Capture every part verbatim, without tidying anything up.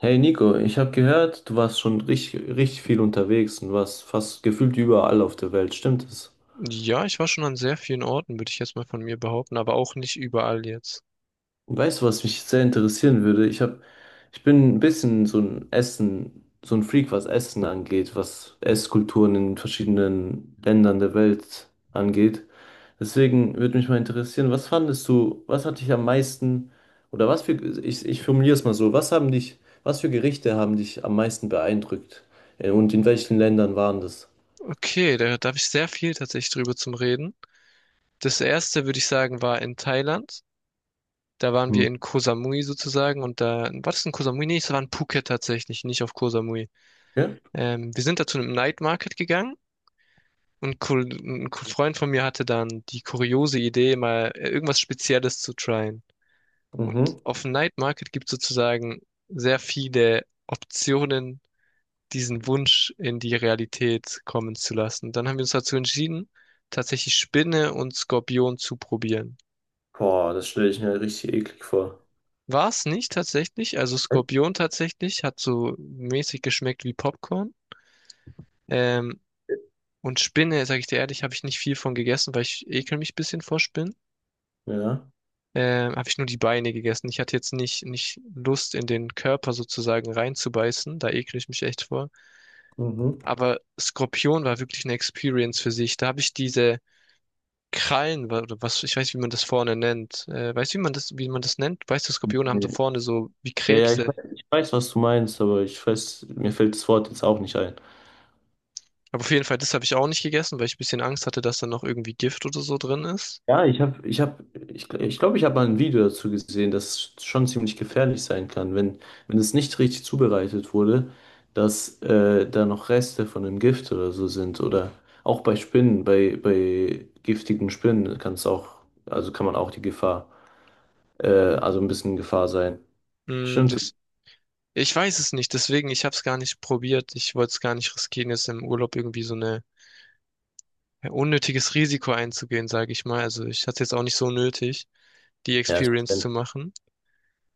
Hey Nico, ich habe gehört, du warst schon richtig, richtig viel unterwegs und warst fast gefühlt überall auf der Welt, stimmt es? Ja, ich war schon an sehr vielen Orten, würde ich jetzt mal von mir behaupten, aber auch nicht überall jetzt. Und weißt du, was mich sehr interessieren würde? Ich hab, ich bin ein bisschen so ein Essen, so ein Freak, was Essen angeht, was Esskulturen in verschiedenen Ländern der Welt angeht. Deswegen würde mich mal interessieren, was fandest du, was hat dich am meisten, oder was für, ich, ich formuliere es mal so, was haben dich, was für Gerichte haben dich am meisten beeindruckt? Äh, Und in welchen Ländern waren das? Okay, da, da habe ich sehr viel tatsächlich drüber zum Reden. Das erste, würde ich sagen, war in Thailand. Da waren Hm. wir in Koh Samui sozusagen und da, war das in Koh Samui? Nee, es war in Phuket tatsächlich, nicht auf Koh Samui. Ja? Ähm, wir sind da zu einem Night Market gegangen und Ko- ein Ko- Freund von mir hatte dann die kuriose Idee, mal äh, irgendwas Spezielles zu tryen. Und Mhm. auf dem Night Market gibt es sozusagen sehr viele Optionen, diesen Wunsch in die Realität kommen zu lassen. Dann haben wir uns dazu entschieden, tatsächlich Spinne und Skorpion zu probieren. Boah, das stelle ich mir richtig eklig vor. War es nicht tatsächlich, also Skorpion tatsächlich hat so mäßig geschmeckt wie Popcorn. Ähm, und Spinne, sage ich dir ehrlich, habe ich nicht viel von gegessen, weil ich ekel mich ein bisschen vor Spinnen. Ja. Ähm, habe ich nur die Beine gegessen. Ich hatte jetzt nicht, nicht Lust, in den Körper sozusagen reinzubeißen. Da ekel ich mich echt vor. Mhm. Aber Skorpion war wirklich eine Experience für sich. Da habe ich diese Krallen wa- oder was, ich weiß nicht, wie man das vorne nennt. Äh, weißt du, wie man das, wie man das nennt? Weißt du, Skorpione haben so Nee. vorne so wie Ja, ja, ich, Krebse. we- ich weiß, was du meinst, aber ich weiß, mir fällt das Wort jetzt auch nicht ein. Aber auf jeden Fall, das habe ich auch nicht gegessen, weil ich ein bisschen Angst hatte, dass da noch irgendwie Gift oder so drin ist. Ja, ich habe, ich habe, ich, gl- ich glaube, ich habe mal ein Video dazu gesehen, dass es schon ziemlich gefährlich sein kann, wenn, wenn es nicht richtig zubereitet wurde, dass äh, da noch Reste von einem Gift oder so sind. Oder auch bei Spinnen, bei, bei giftigen Spinnen kann es auch, also kann man auch die Gefahr, äh, also ein bisschen Gefahr sein. Hm, Stimmt. das, ich weiß es nicht, deswegen, ich habe es gar nicht probiert. Ich wollte es gar nicht riskieren, jetzt im Urlaub irgendwie so eine, ja, unnötiges Risiko einzugehen, sage ich mal. Also ich hatte jetzt auch nicht so nötig, die Ja, es ist. Experience zu machen.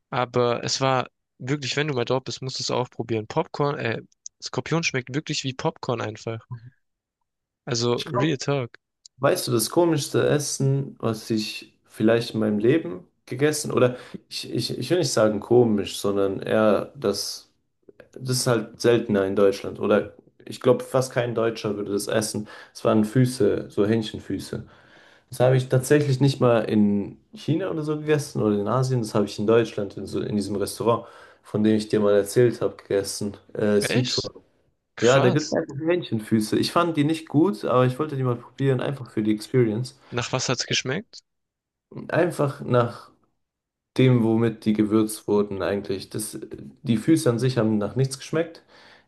Aber es war wirklich, wenn du mal dort bist, musst du es auch probieren. Popcorn, äh, Skorpion schmeckt wirklich wie Popcorn einfach. Also, Ich glaube, Real Talk. weißt du, das komischste Essen, was ich vielleicht in meinem Leben gegessen, oder ich, ich, ich will nicht sagen komisch, sondern eher das, das ist halt seltener in Deutschland. Oder ich glaube, fast kein Deutscher würde das essen. Es waren Füße, so Hähnchenfüße. Das habe ich tatsächlich nicht mal in China oder so gegessen oder in Asien. Das habe ich in Deutschland, in, so, in diesem Restaurant, von dem ich dir mal erzählt habe, gegessen. Äh, Echt? ja, da gibt es Krass. einfach Hähnchenfüße. Ich fand die nicht gut, aber ich wollte die mal probieren, einfach für die Experience. Nach was hat's geschmeckt? Einfach nach dem, womit die gewürzt wurden eigentlich. Das, die Füße an sich haben nach nichts geschmeckt.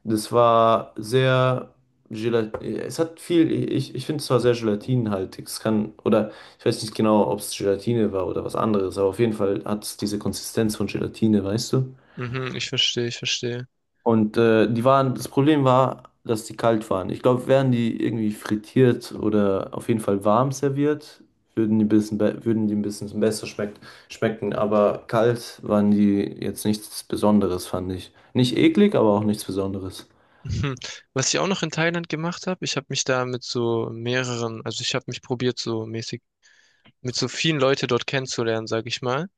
Das war sehr Gelat, es hat viel, ich, ich finde es zwar sehr gelatinhaltig, es kann, oder ich weiß nicht genau, ob es Gelatine war oder was anderes, aber auf jeden Fall hat es diese Konsistenz von Gelatine, weißt du? Mhm, ich verstehe, ich verstehe. Und äh, die waren, das Problem war, dass die kalt waren. Ich glaube, wären die irgendwie frittiert oder auf jeden Fall warm serviert, würden die ein bisschen, be- würden die ein bisschen besser schmeckt, schmecken. Aber kalt waren die jetzt nichts Besonderes, fand ich. Nicht eklig, aber auch nichts Besonderes. Mhm. Was ich auch noch in Thailand gemacht habe, ich habe mich da mit so mehreren, also ich habe mich probiert, so mäßig, mit so vielen Leute dort kennenzulernen, sag ich mal.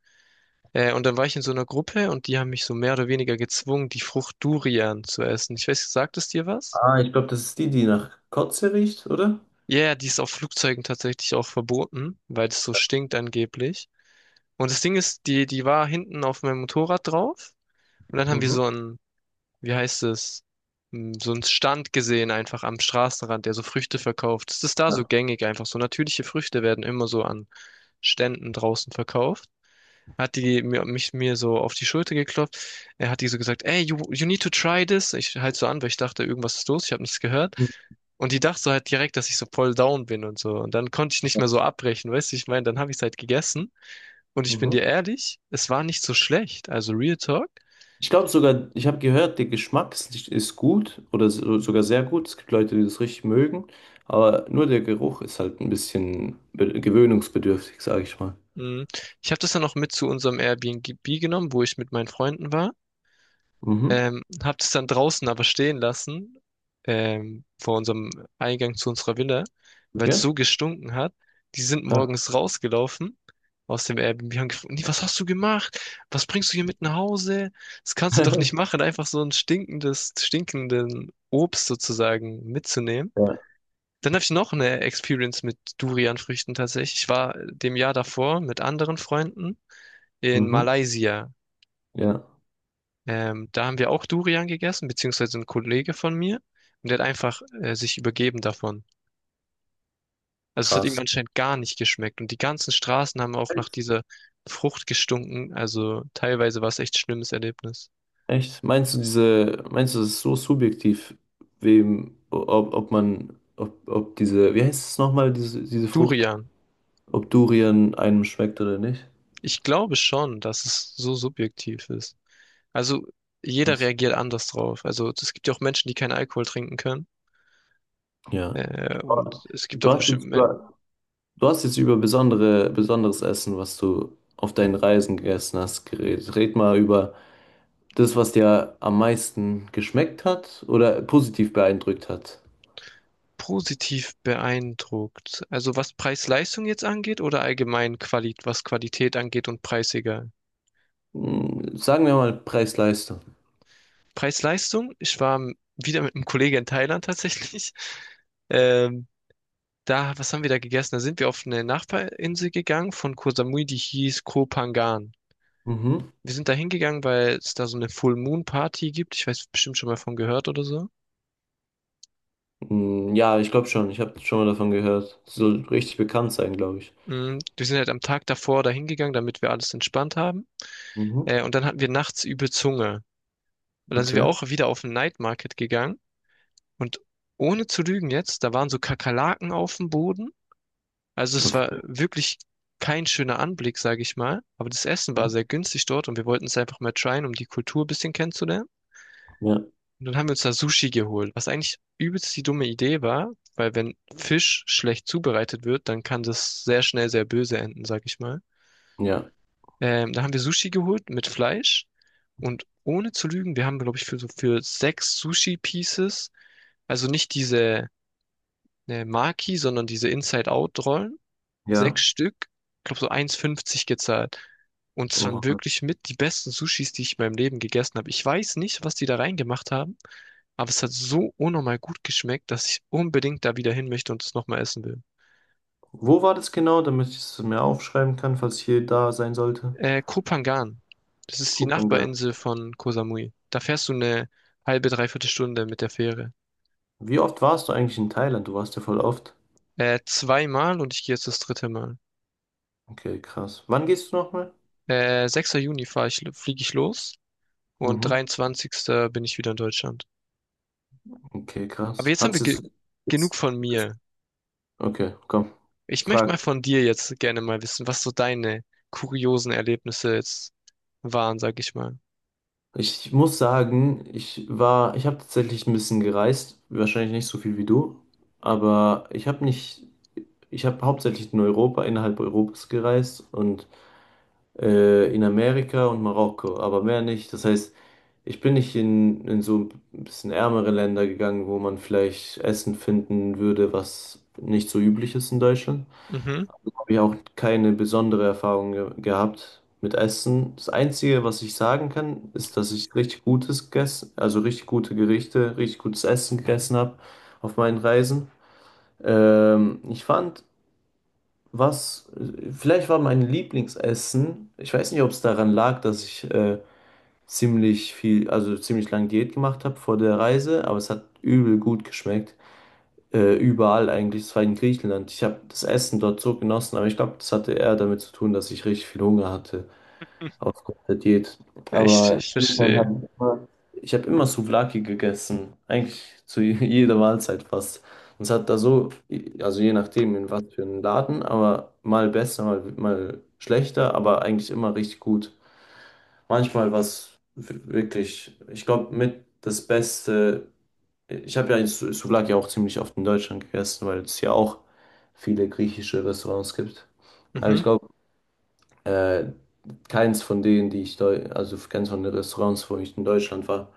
Äh, und dann war ich in so einer Gruppe und die haben mich so mehr oder weniger gezwungen, die Frucht Durian zu essen. Ich weiß, sagt es dir was? Ah, ich glaube, das ist die, die nach Kotze riecht, oder? Ja, yeah, die ist auf Flugzeugen tatsächlich auch verboten, weil es so stinkt angeblich. Und das Ding ist, die, die war hinten auf meinem Motorrad drauf. Und dann haben wir Mhm. so einen, wie heißt es, Hm, so einen Stand gesehen, einfach am Straßenrand, der so Früchte verkauft. Das ist da so Ja. gängig einfach. So natürliche Früchte werden immer so an Ständen draußen verkauft. Hat die mir, mich mir so auf die Schulter geklopft. Er hat die so gesagt, ey, you, you need to try this. Ich halt so an, weil ich dachte, irgendwas ist los, ich habe nichts gehört. Und die dachte so halt direkt, dass ich so voll down bin und so. Und dann konnte ich nicht mehr so abbrechen, weißt du, ich meine, dann habe ich es halt gegessen. Und ich bin Mhm. dir ehrlich, es war nicht so schlecht. Also Real Talk. Ich glaube sogar, ich habe gehört, der Geschmack ist, ist gut oder so, sogar sehr gut. Es gibt Leute, die das richtig mögen, aber nur der Geruch ist halt ein bisschen be- gewöhnungsbedürftig, sage ich mal. Mm. Ich habe das dann noch mit zu unserem Airbnb genommen, wo ich mit meinen Freunden war. Mhm. Ähm, hab das dann draußen aber stehen lassen, ähm, vor unserem Eingang zu unserer Villa, weil es Okay. so gestunken hat. Die sind Ha. morgens rausgelaufen aus dem Airbnb und haben gefragt: „Nee, was hast du gemacht? Was bringst du hier mit nach Hause? Das kannst du doch nicht machen, einfach so ein stinkendes, stinkenden Obst sozusagen mitzunehmen." Ja. Dann habe ich noch eine Experience mit Durianfrüchten tatsächlich. Ich war dem Jahr davor mit anderen Freunden in Mhm. Malaysia, Ja. ähm, da haben wir auch Durian gegessen, beziehungsweise ein Kollege von mir. Und der hat einfach äh, sich übergeben davon. Also es hat ihm Krass. anscheinend gar nicht geschmeckt. Und die ganzen Straßen haben auch nach dieser Frucht gestunken. Also teilweise war es echt schlimmes Erlebnis. Echt? Meinst du diese, meinst du, das ist so subjektiv, wem, ob, ob man, ob, ob diese, wie heißt es nochmal, diese, diese Frucht? Durian. Ob Durian einem schmeckt oder nicht? Ich glaube schon, dass es so subjektiv ist. Also jeder Krass. reagiert anders drauf. Also es gibt ja auch Menschen, die keinen Alkohol trinken können. Ja. Äh, und es gibt Du auch hast bestimmt jetzt, Men du hast jetzt über besondere, besonderes Essen, was du auf deinen Reisen gegessen hast, geredet. Red mal über das, was dir am meisten geschmeckt hat oder positiv beeindruckt hat. positiv beeindruckt. Also was Preis-Leistung jetzt angeht oder allgemein Quali was Qualität angeht und Preis egal. Hm, sagen wir mal Preis-Leistung. Preis-Leistung, ich war m- wieder mit einem Kollegen in Thailand tatsächlich. Ähm, da, was haben wir da gegessen? Da sind wir auf eine Nachbarinsel gegangen von Koh Samui, die hieß Koh Phangan. Mhm. Wir sind da hingegangen, weil es da so eine Full Moon Party gibt. Ich weiß bestimmt schon mal von gehört oder so. Hm, ja, ich glaube schon. Ich habe schon mal davon gehört. Soll richtig bekannt sein, glaube ich. Mm, Wir sind halt am Tag davor da hingegangen, damit wir alles entspannt haben. Mhm. Äh, und dann hatten wir nachts übel Zunge. Und dann sind wir Okay. auch wieder auf den Night Market gegangen. Und ohne zu lügen jetzt, da waren so Kakerlaken auf dem Boden. Also es war Okay. wirklich kein schöner Anblick, sage ich mal. Aber das Essen war Mhm. sehr günstig dort und wir wollten es einfach mal tryen, um die Kultur ein bisschen kennenzulernen. Ja. Und dann haben wir uns da Sushi geholt, was eigentlich übelst die dumme Idee war, weil wenn Fisch schlecht zubereitet wird, dann kann das sehr schnell sehr böse enden, sag ich mal. Ja. Ähm, dann haben wir Sushi geholt mit Fleisch. Und ohne zu lügen, wir haben, glaube ich, für so für sechs Sushi-Pieces, also nicht diese äh, Maki, sondern diese Inside-Out-Rollen, sechs Ja. Stück, ich glaube so eins fünfzig gezahlt. Und es waren Oha. wirklich mit die besten Sushis, die ich in meinem Leben gegessen habe. Ich weiß nicht, was die da reingemacht haben, aber es hat so unnormal gut geschmeckt, dass ich unbedingt da wieder hin möchte und es nochmal essen will. Wo war das genau, damit ich es mir aufschreiben kann, falls ich hier da sein sollte? Äh, Koh Phangan. Das ist die Gucken. Nachbarinsel von Koh Samui. Da fährst du eine halbe, dreiviertel Stunde mit der Fähre. Wie oft warst du eigentlich in Thailand? Du warst ja voll oft. Äh, zweimal und ich gehe jetzt das dritte Mal. Okay, krass. Wann gehst du nochmal? Äh, sechster Juni fahre ich, fliege ich los und Mhm. dreiundzwanzigsten bin ich wieder in Deutschland. Okay, Aber krass. jetzt haben Hat's wir dir ge so? genug von mir. Okay, komm. Ich möchte mal Frag. von dir jetzt gerne mal wissen, was so deine kuriosen Erlebnisse jetzt waren, sag ich mal. Ich muss sagen, ich war, ich habe tatsächlich ein bisschen gereist, wahrscheinlich nicht so viel wie du, aber ich habe nicht, ich habe hauptsächlich in Europa, innerhalb Europas gereist und äh, in Amerika und Marokko, aber mehr nicht. Das heißt, ich bin nicht in, in so ein bisschen ärmere Länder gegangen, wo man vielleicht Essen finden würde, was nicht so üblich ist in Deutschland. Mhm. Habe ich auch keine besondere Erfahrung ge gehabt mit Essen. Das Einzige, was ich sagen kann, ist, dass ich richtig gutes gegessen, also richtig gute Gerichte, richtig gutes Essen gegessen habe auf meinen Reisen. Ähm, ich fand was, äh, vielleicht war mein Lieblingsessen, ich weiß nicht, ob es daran lag, dass ich äh, ziemlich viel, also ziemlich lange Diät gemacht habe vor der Reise, aber es hat übel gut geschmeckt. Äh, überall eigentlich, es war in Griechenland. Ich habe das Essen dort so genossen, aber ich glaube, das hatte eher damit zu tun, dass ich richtig viel Hunger hatte. Ausgerüstet geht. Ich, Aber ich in Griechenland habe verstehe. ich immer, ich habe immer Souvlaki gegessen. Eigentlich zu je- jeder Mahlzeit fast. Und es hat da so, also je nachdem in was für einen Laden, aber mal besser, mal, mal schlechter, aber eigentlich immer richtig gut. Manchmal was wirklich, ich glaube, mit das Beste. Ich habe ja Sou- Souvlaki auch ziemlich oft in Deutschland gegessen, weil es ja auch viele griechische Restaurants gibt. Aber Mhm. ich glaube, äh, keins von denen, die ich, deu- also keins von den Restaurants, wo ich in Deutschland war,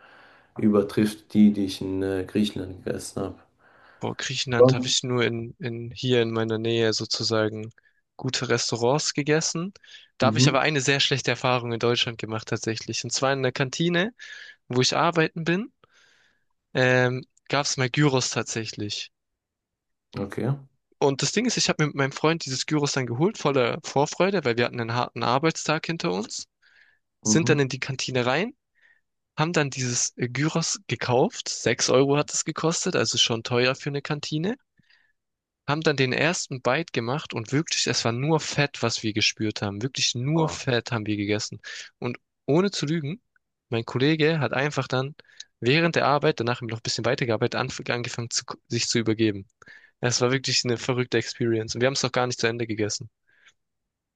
übertrifft die, die ich in äh, Griechenland gegessen habe. Boah, Griechenland habe Sonst- ich nur in, in hier in meiner Nähe sozusagen gute Restaurants gegessen. Da habe ich aber Mhm. eine sehr schlechte Erfahrung in Deutschland gemacht tatsächlich. Und zwar in der Kantine, wo ich arbeiten bin, ähm, gab es mal Gyros tatsächlich. Okay. Und das Ding ist, ich habe mir mit meinem Freund dieses Gyros dann geholt, voller Vorfreude, weil wir hatten einen harten Arbeitstag hinter uns, sind dann Mhm. in die Kantine rein, haben dann dieses äh, Gyros gekauft. Sechs Euro hat es gekostet, also schon teuer für eine Kantine. Haben dann den ersten Bite gemacht und wirklich, es war nur Fett, was wir gespürt haben. Wirklich nur Fett haben wir gegessen. Und ohne zu lügen, mein Kollege hat einfach dann während der Arbeit, danach haben wir noch ein bisschen weitergearbeitet, anf- angefangen, zu, sich zu übergeben. Es war wirklich eine verrückte Experience. Und wir haben es noch gar nicht zu Ende gegessen.